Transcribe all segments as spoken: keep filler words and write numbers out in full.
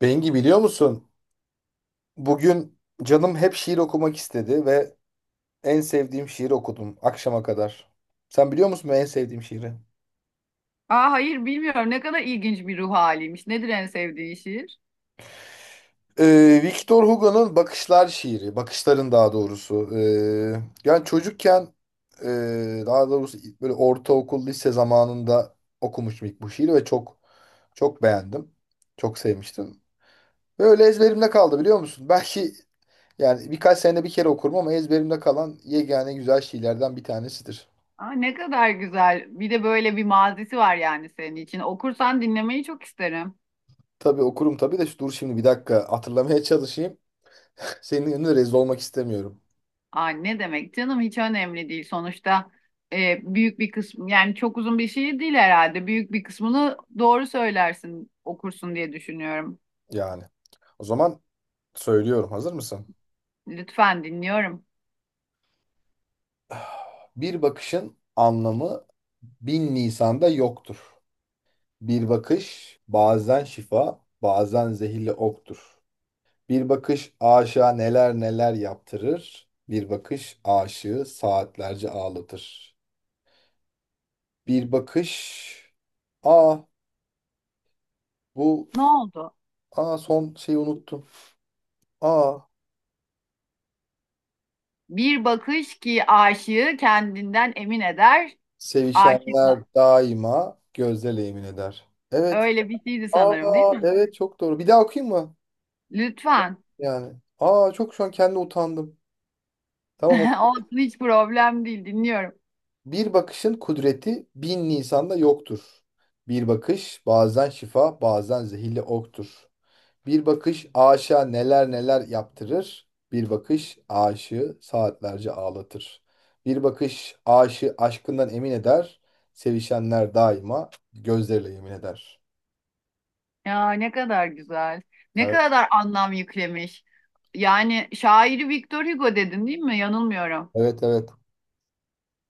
Bengi biliyor musun? Bugün canım hep şiir okumak istedi ve en sevdiğim şiiri okudum akşama kadar. Sen biliyor musun benim en sevdiğim şiiri? Aa, hayır bilmiyorum, ne kadar ilginç bir ruh haliymiş. Nedir en sevdiğin şiir? Ee, Victor Hugo'nun Bakışlar şiiri, bakışların daha doğrusu. Ee, yani çocukken e, daha doğrusu böyle ortaokul, lise zamanında okumuştum ilk bu şiiri ve çok çok beğendim. Çok sevmiştim. Böyle ezberimde kaldı biliyor musun? Belki yani birkaç senede bir kere okurum ama ezberimde kalan yegane güzel şiirlerden bir tanesidir. Aa, ne kadar güzel. Bir de böyle bir mazisi var yani senin için. Okursan dinlemeyi çok isterim. Tabii okurum tabii de şu- dur şimdi bir dakika hatırlamaya çalışayım. Senin önünde rezil olmak istemiyorum Aa, ne demek canım, hiç önemli değil. Sonuçta e, büyük bir kısmı, yani çok uzun bir şiir değil herhalde. Büyük bir kısmını doğru söylersin okursun diye düşünüyorum. yani. O zaman söylüyorum. Hazır mısın? Lütfen, dinliyorum. Bir bakışın anlamı bin Nisan'da yoktur. Bir bakış bazen şifa, bazen zehirli oktur. Bir bakış aşığa neler neler yaptırır. Bir bakış aşığı saatlerce ağlatır. Bir bakış... Aa, bu... Ne oldu? Aa, son şeyi unuttum. Aa, Bir bakış ki aşığı kendinden emin eder. sevişenler Aşıkla. daima gözle emin eder. Evet. Öyle bir şeydi sanırım, değil Aa, mi? evet, çok doğru. Bir daha okuyayım mı? Lütfen. Yani. Aa, çok şu an kendi utandım. Tamam. oku. Olsun, hiç problem değil, dinliyorum. Bir bakışın kudreti bin Nisan'da yoktur. Bir bakış bazen şifa, bazen zehirli oktur. Bir bakış aşığa neler neler yaptırır. Bir bakış aşığı saatlerce ağlatır. Bir bakış aşığı aşkından emin eder. Sevişenler daima gözleriyle yemin eder. Ya, ne kadar güzel. Ne Evet. kadar anlam yüklemiş. Yani şairi Victor Hugo dedin değil mi? Yanılmıyorum. Evet, evet.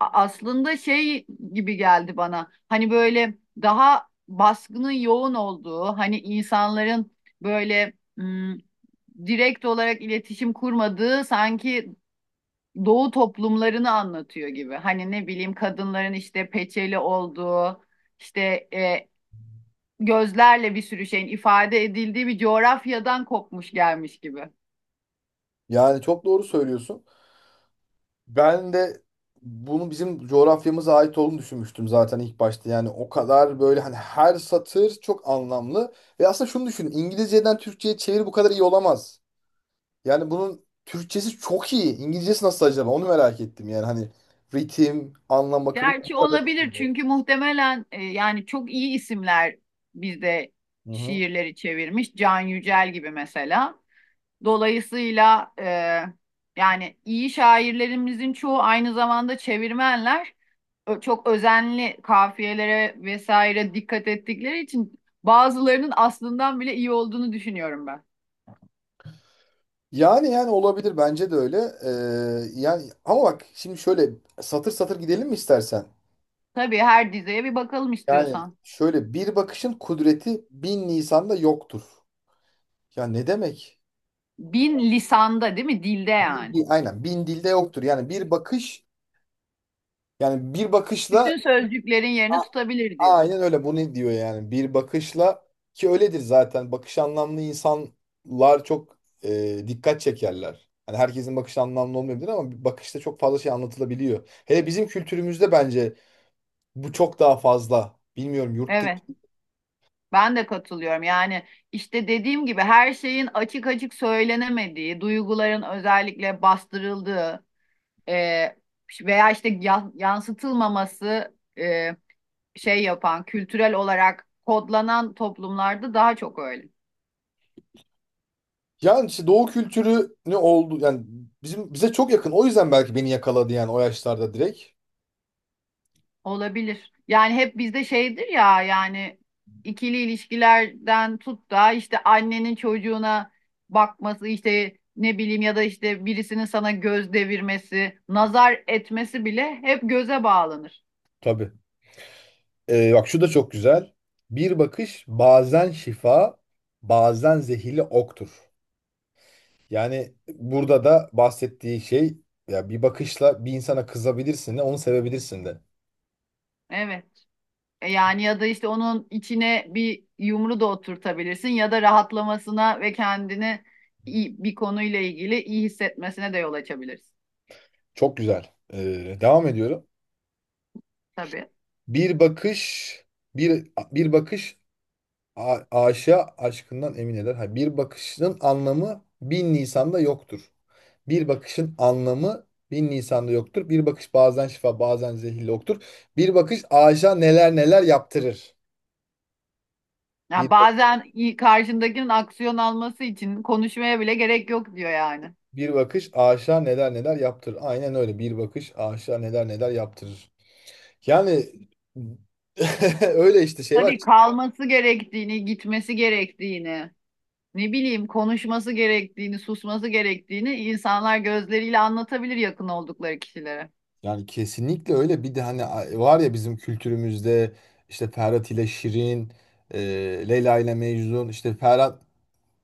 A- aslında şey gibi geldi bana. Hani böyle daha baskının yoğun olduğu, hani insanların böyle hmm, direkt olarak iletişim kurmadığı, sanki doğu toplumlarını anlatıyor gibi. Hani ne bileyim, kadınların işte peçeli olduğu, işte e, gözlerle bir sürü şeyin ifade edildiği bir coğrafyadan kopmuş gelmiş gibi. Yani çok doğru söylüyorsun. Ben de bunu bizim coğrafyamıza ait olduğunu düşünmüştüm zaten ilk başta. Yani o kadar böyle, hani her satır çok anlamlı. Ve aslında şunu düşünün. İngilizceden Türkçe'ye çeviri bu kadar iyi olamaz. Yani bunun Türkçesi çok iyi. İngilizcesi nasıl acaba? Onu merak ettim. Yani hani ritim, anlam bakımından bu Gerçi kadar olabilir iyi. çünkü muhtemelen e, yani çok iyi isimler bizde Hı hı. şiirleri çevirmiş. Can Yücel gibi mesela. Dolayısıyla e, yani iyi şairlerimizin çoğu aynı zamanda çevirmenler. Çok özenli, kafiyelere vesaire dikkat ettikleri için bazılarının aslından bile iyi olduğunu düşünüyorum ben. Yani yani olabilir, bence de öyle. Ee, yani ama bak, şimdi şöyle satır satır gidelim mi istersen? Tabii, her dizeye bir bakalım Yani istiyorsan. şöyle, bir bakışın kudreti bin lisanda yoktur. Ya ne demek? Bin lisanda değil mi? Dilde yani. Bir, aynen bin dilde yoktur. Yani bir bakış, yani bir bakışla Bütün sözcüklerin yerini a- tutabilir diyor. aynen öyle, bunu diyor yani. Bir bakışla, ki öyledir zaten. Bakış anlamlı insanlar çok e, dikkat çekerler. Hani herkesin bakışı anlamlı olmayabilir ama bir bakışta çok fazla şey anlatılabiliyor. Hele bizim kültürümüzde bence bu çok daha fazla. Bilmiyorum yurt. Evet, ben de katılıyorum. Yani işte dediğim gibi, her şeyin açık açık söylenemediği, duyguların özellikle bastırıldığı e, veya işte ya- yansıtılmaması, e, şey yapan, kültürel olarak kodlanan toplumlarda daha çok öyle. Yani işte doğu kültürü ne oldu, yani bizim bize çok yakın. O yüzden belki beni yakaladı yani, o yaşlarda direkt. Olabilir. Yani hep bizde şeydir ya, yani ikili ilişkilerden tut da işte annenin çocuğuna bakması, işte ne bileyim, ya da işte birisinin sana göz devirmesi, nazar etmesi bile hep göze bağlanır. Tabii. Ee, bak şu da çok güzel. Bir bakış bazen şifa, bazen zehirli oktur. Yani burada da bahsettiği şey, ya bir bakışla bir insana kızabilirsin de, onu sevebilirsin de. Evet. E yani, ya da işte onun içine bir yumru da oturtabilirsin, ya da rahatlamasına ve kendini iyi- bir konuyla ilgili iyi hissetmesine de yol açabilirsin. Çok güzel. Ee, devam ediyorum. Tabii. Bir bakış bir bir bakış a- aşığa aşkından emin eder. Ha, bir bakışın anlamı bin Nisan'da yoktur. Bir bakışın anlamı bin Nisan'da yoktur. Bir bakış bazen şifa, bazen zehirli oktur. Bir bakış aşığa neler neler yaptırır. Bir, Ya bak- bazen iyi- karşındakinin aksiyon alması için konuşmaya bile gerek yok diyor yani. bir bakış aşığa neler neler yaptırır. Aynen öyle. Bir bakış aşığa neler neler yaptırır. Yani öyle işte, şey var. Tabii kalması gerektiğini, gitmesi gerektiğini, ne bileyim konuşması gerektiğini, susması gerektiğini insanlar gözleriyle anlatabilir yakın oldukları kişilere. Yani kesinlikle öyle. Bir de hani a- var ya, bizim kültürümüzde işte Ferhat ile Şirin, e, Leyla ile Mecnun. İşte Ferhat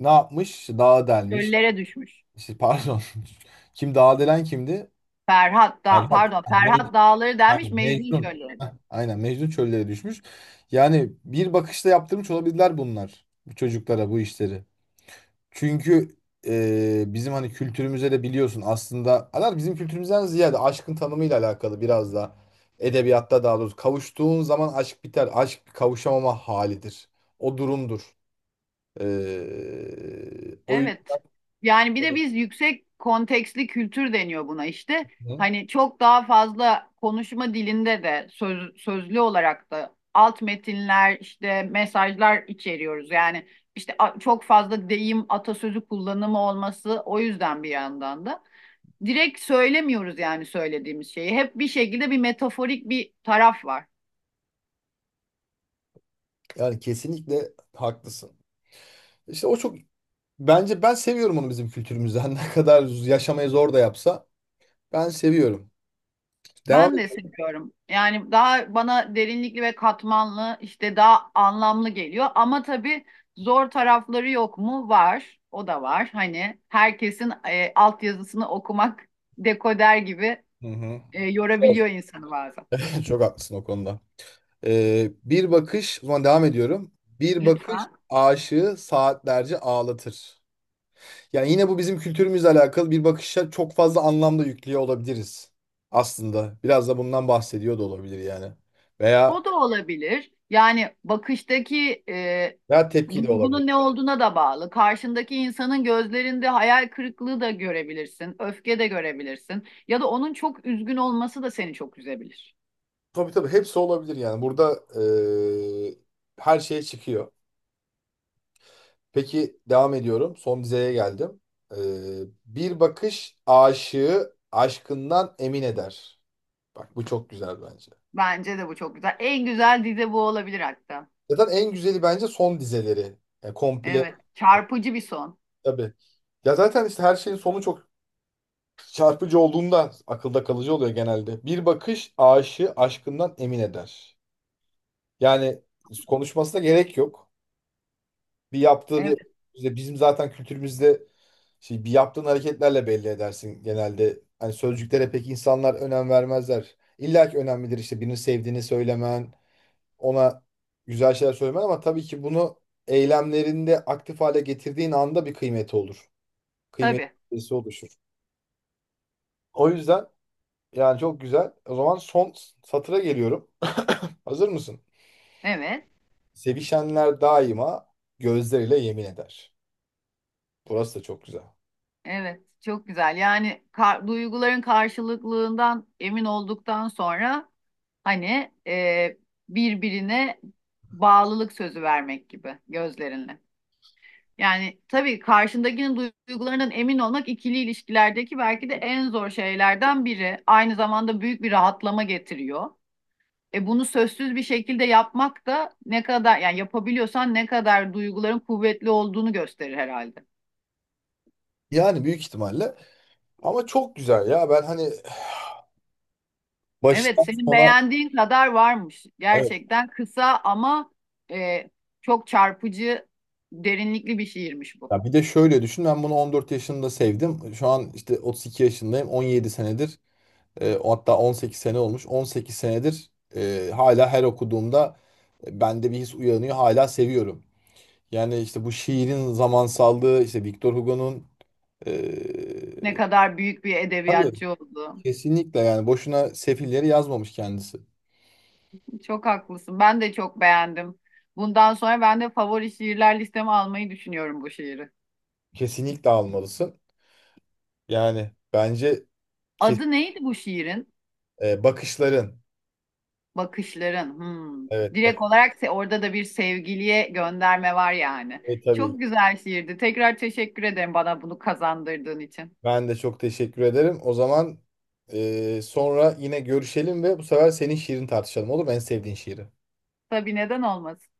ne yapmış? İşte dağa delmiş. Çöllere düşmüş. İşte pardon. Kim dağa delen kimdi? Ferhat da, Ferhat. pardon, Ah, Me- Ferhat Dağları demiş, aynen, Mecnun Mecnun. çölleri. Heh, aynen, Mecnun çöllere düşmüş. Yani bir bakışta yaptırmış olabilirler bunlar. Bu çocuklara bu işleri. Çünkü e, bizim hani kültürümüze de biliyorsun, aslında alar bizim kültürümüzden ziyade aşkın tanımıyla alakalı biraz da, edebiyatta daha doğrusu, kavuştuğun zaman aşk biter. Aşk bir kavuşamama halidir. O durumdur. E, o Evet. Yani bir de yüzden, biz, yüksek kontekstli kültür deniyor buna işte. Hani çok daha fazla konuşma dilinde de söz, sözlü olarak da alt metinler, işte mesajlar içeriyoruz. Yani işte a- çok fazla deyim atasözü kullanımı olması, o yüzden bir yandan da. Direkt söylemiyoruz yani söylediğimiz şeyi. Hep bir şekilde bir metaforik bir taraf var. yani kesinlikle haklısın. İşte o çok, bence ben seviyorum onu bizim kültürümüzden. Ne kadar yaşamayı zor da yapsa ben seviyorum. Devam Ben de et. seviyorum. Yani daha bana derinlikli ve katmanlı, işte daha anlamlı geliyor. Ama tabii, zor tarafları yok mu? Var. O da var. Hani herkesin e, altyazısını okumak, dekoder gibi, Hı hı. e, Zor. yorabiliyor insanı bazen. Çok haklısın o konuda. Ee, bir bakış, o zaman devam ediyorum. Bir bakış Lütfen. aşığı saatlerce ağlatır. Yani yine bu bizim kültürümüzle alakalı, bir bakışa çok fazla anlamda yüklüyor olabiliriz aslında. Biraz da bundan bahsediyor da olabilir yani. Veya O da olabilir. Yani bakıştaki e, veya tepki de olabilir. duygunun ne olduğuna da bağlı. Karşındaki insanın gözlerinde hayal kırıklığı da görebilirsin, öfke de görebilirsin. Ya da onun çok üzgün olması da seni çok üzebilir. Tabii tabii, hepsi olabilir yani. Burada eee, her şey çıkıyor. Peki devam ediyorum. Son dizeye geldim. Eee, Bir bakış aşığı aşkından emin eder. Bak bu çok güzel bence. Bence de bu çok güzel. En güzel dizi bu olabilir hatta. Zaten en güzeli bence son dizeleri. Yani komple, Evet. Çarpıcı bir son. tabii. Ya zaten işte, her şeyin sonu çok çarpıcı olduğunda akılda kalıcı oluyor genelde. Bir bakış aşığı aşkından emin eder. Yani konuşmasına gerek yok. Bir yaptığı Evet. bir işte bizim zaten kültürümüzde, şey, bir yaptığın hareketlerle belli edersin genelde. Hani sözcüklere pek insanlar önem vermezler. İlla ki önemlidir işte birini sevdiğini söylemen, ona güzel şeyler söylemen, ama tabii ki bunu eylemlerinde aktif hale getirdiğin anda bir kıymeti olur. Kıymetli Tabii. birisi oluşur. O yüzden yani çok güzel. O zaman son satıra geliyorum. Hazır mısın? Evet. Sevişenler daima gözleriyle yemin eder. Burası da çok güzel. Evet. Çok güzel. Yani kar- duyguların karşılıklılığından emin olduktan sonra hani e, birbirine bağlılık sözü vermek gibi, gözlerinle. Yani tabii karşındakinin duygularından emin olmak ikili ilişkilerdeki belki de en zor şeylerden biri. Aynı zamanda büyük bir rahatlama getiriyor. E bunu sözsüz bir şekilde yapmak da, ne kadar yani yapabiliyorsan, ne kadar duyguların kuvvetli olduğunu gösterir herhalde. Yani büyük ihtimalle, ama çok güzel ya. Ben hani Evet, baştan senin sona, beğendiğin kadar varmış. evet. Gerçekten kısa ama e, çok çarpıcı, derinlikli bir şiirmiş bu. Ya bir de şöyle düşün, ben bunu on dört yaşında sevdim. Şu an işte otuz iki yaşındayım. On yedi senedir, E, o, hatta on sekiz sene olmuş. on sekiz senedir, e, hala her okuduğumda bende bir his uyanıyor. Hala seviyorum. Yani işte bu şiirin zamansallığı, işte Victor Hugo'nun e, Ne kadar büyük bir tabii, edebiyatçı oldu. kesinlikle, yani boşuna sefilleri yazmamış kendisi. Çok haklısın. Ben de çok beğendim. Bundan sonra ben de favori şiirler listeme almayı düşünüyorum bu şiiri. Kesinlikle almalısın. Yani bence, ki, Adı neydi bu şiirin? e, bakışların. Bakışların. Hmm. Evet, Direkt bak, olarak se- orada da bir sevgiliye gönderme var yani. e, tabii, Çok güzel şiirdi. Tekrar teşekkür ederim bana bunu kazandırdığın için. ben de çok teşekkür ederim. O zaman e, sonra yine görüşelim ve bu sefer senin şiirini tartışalım, olur mu? En sevdiğin şiiri. Tabii, neden olmasın?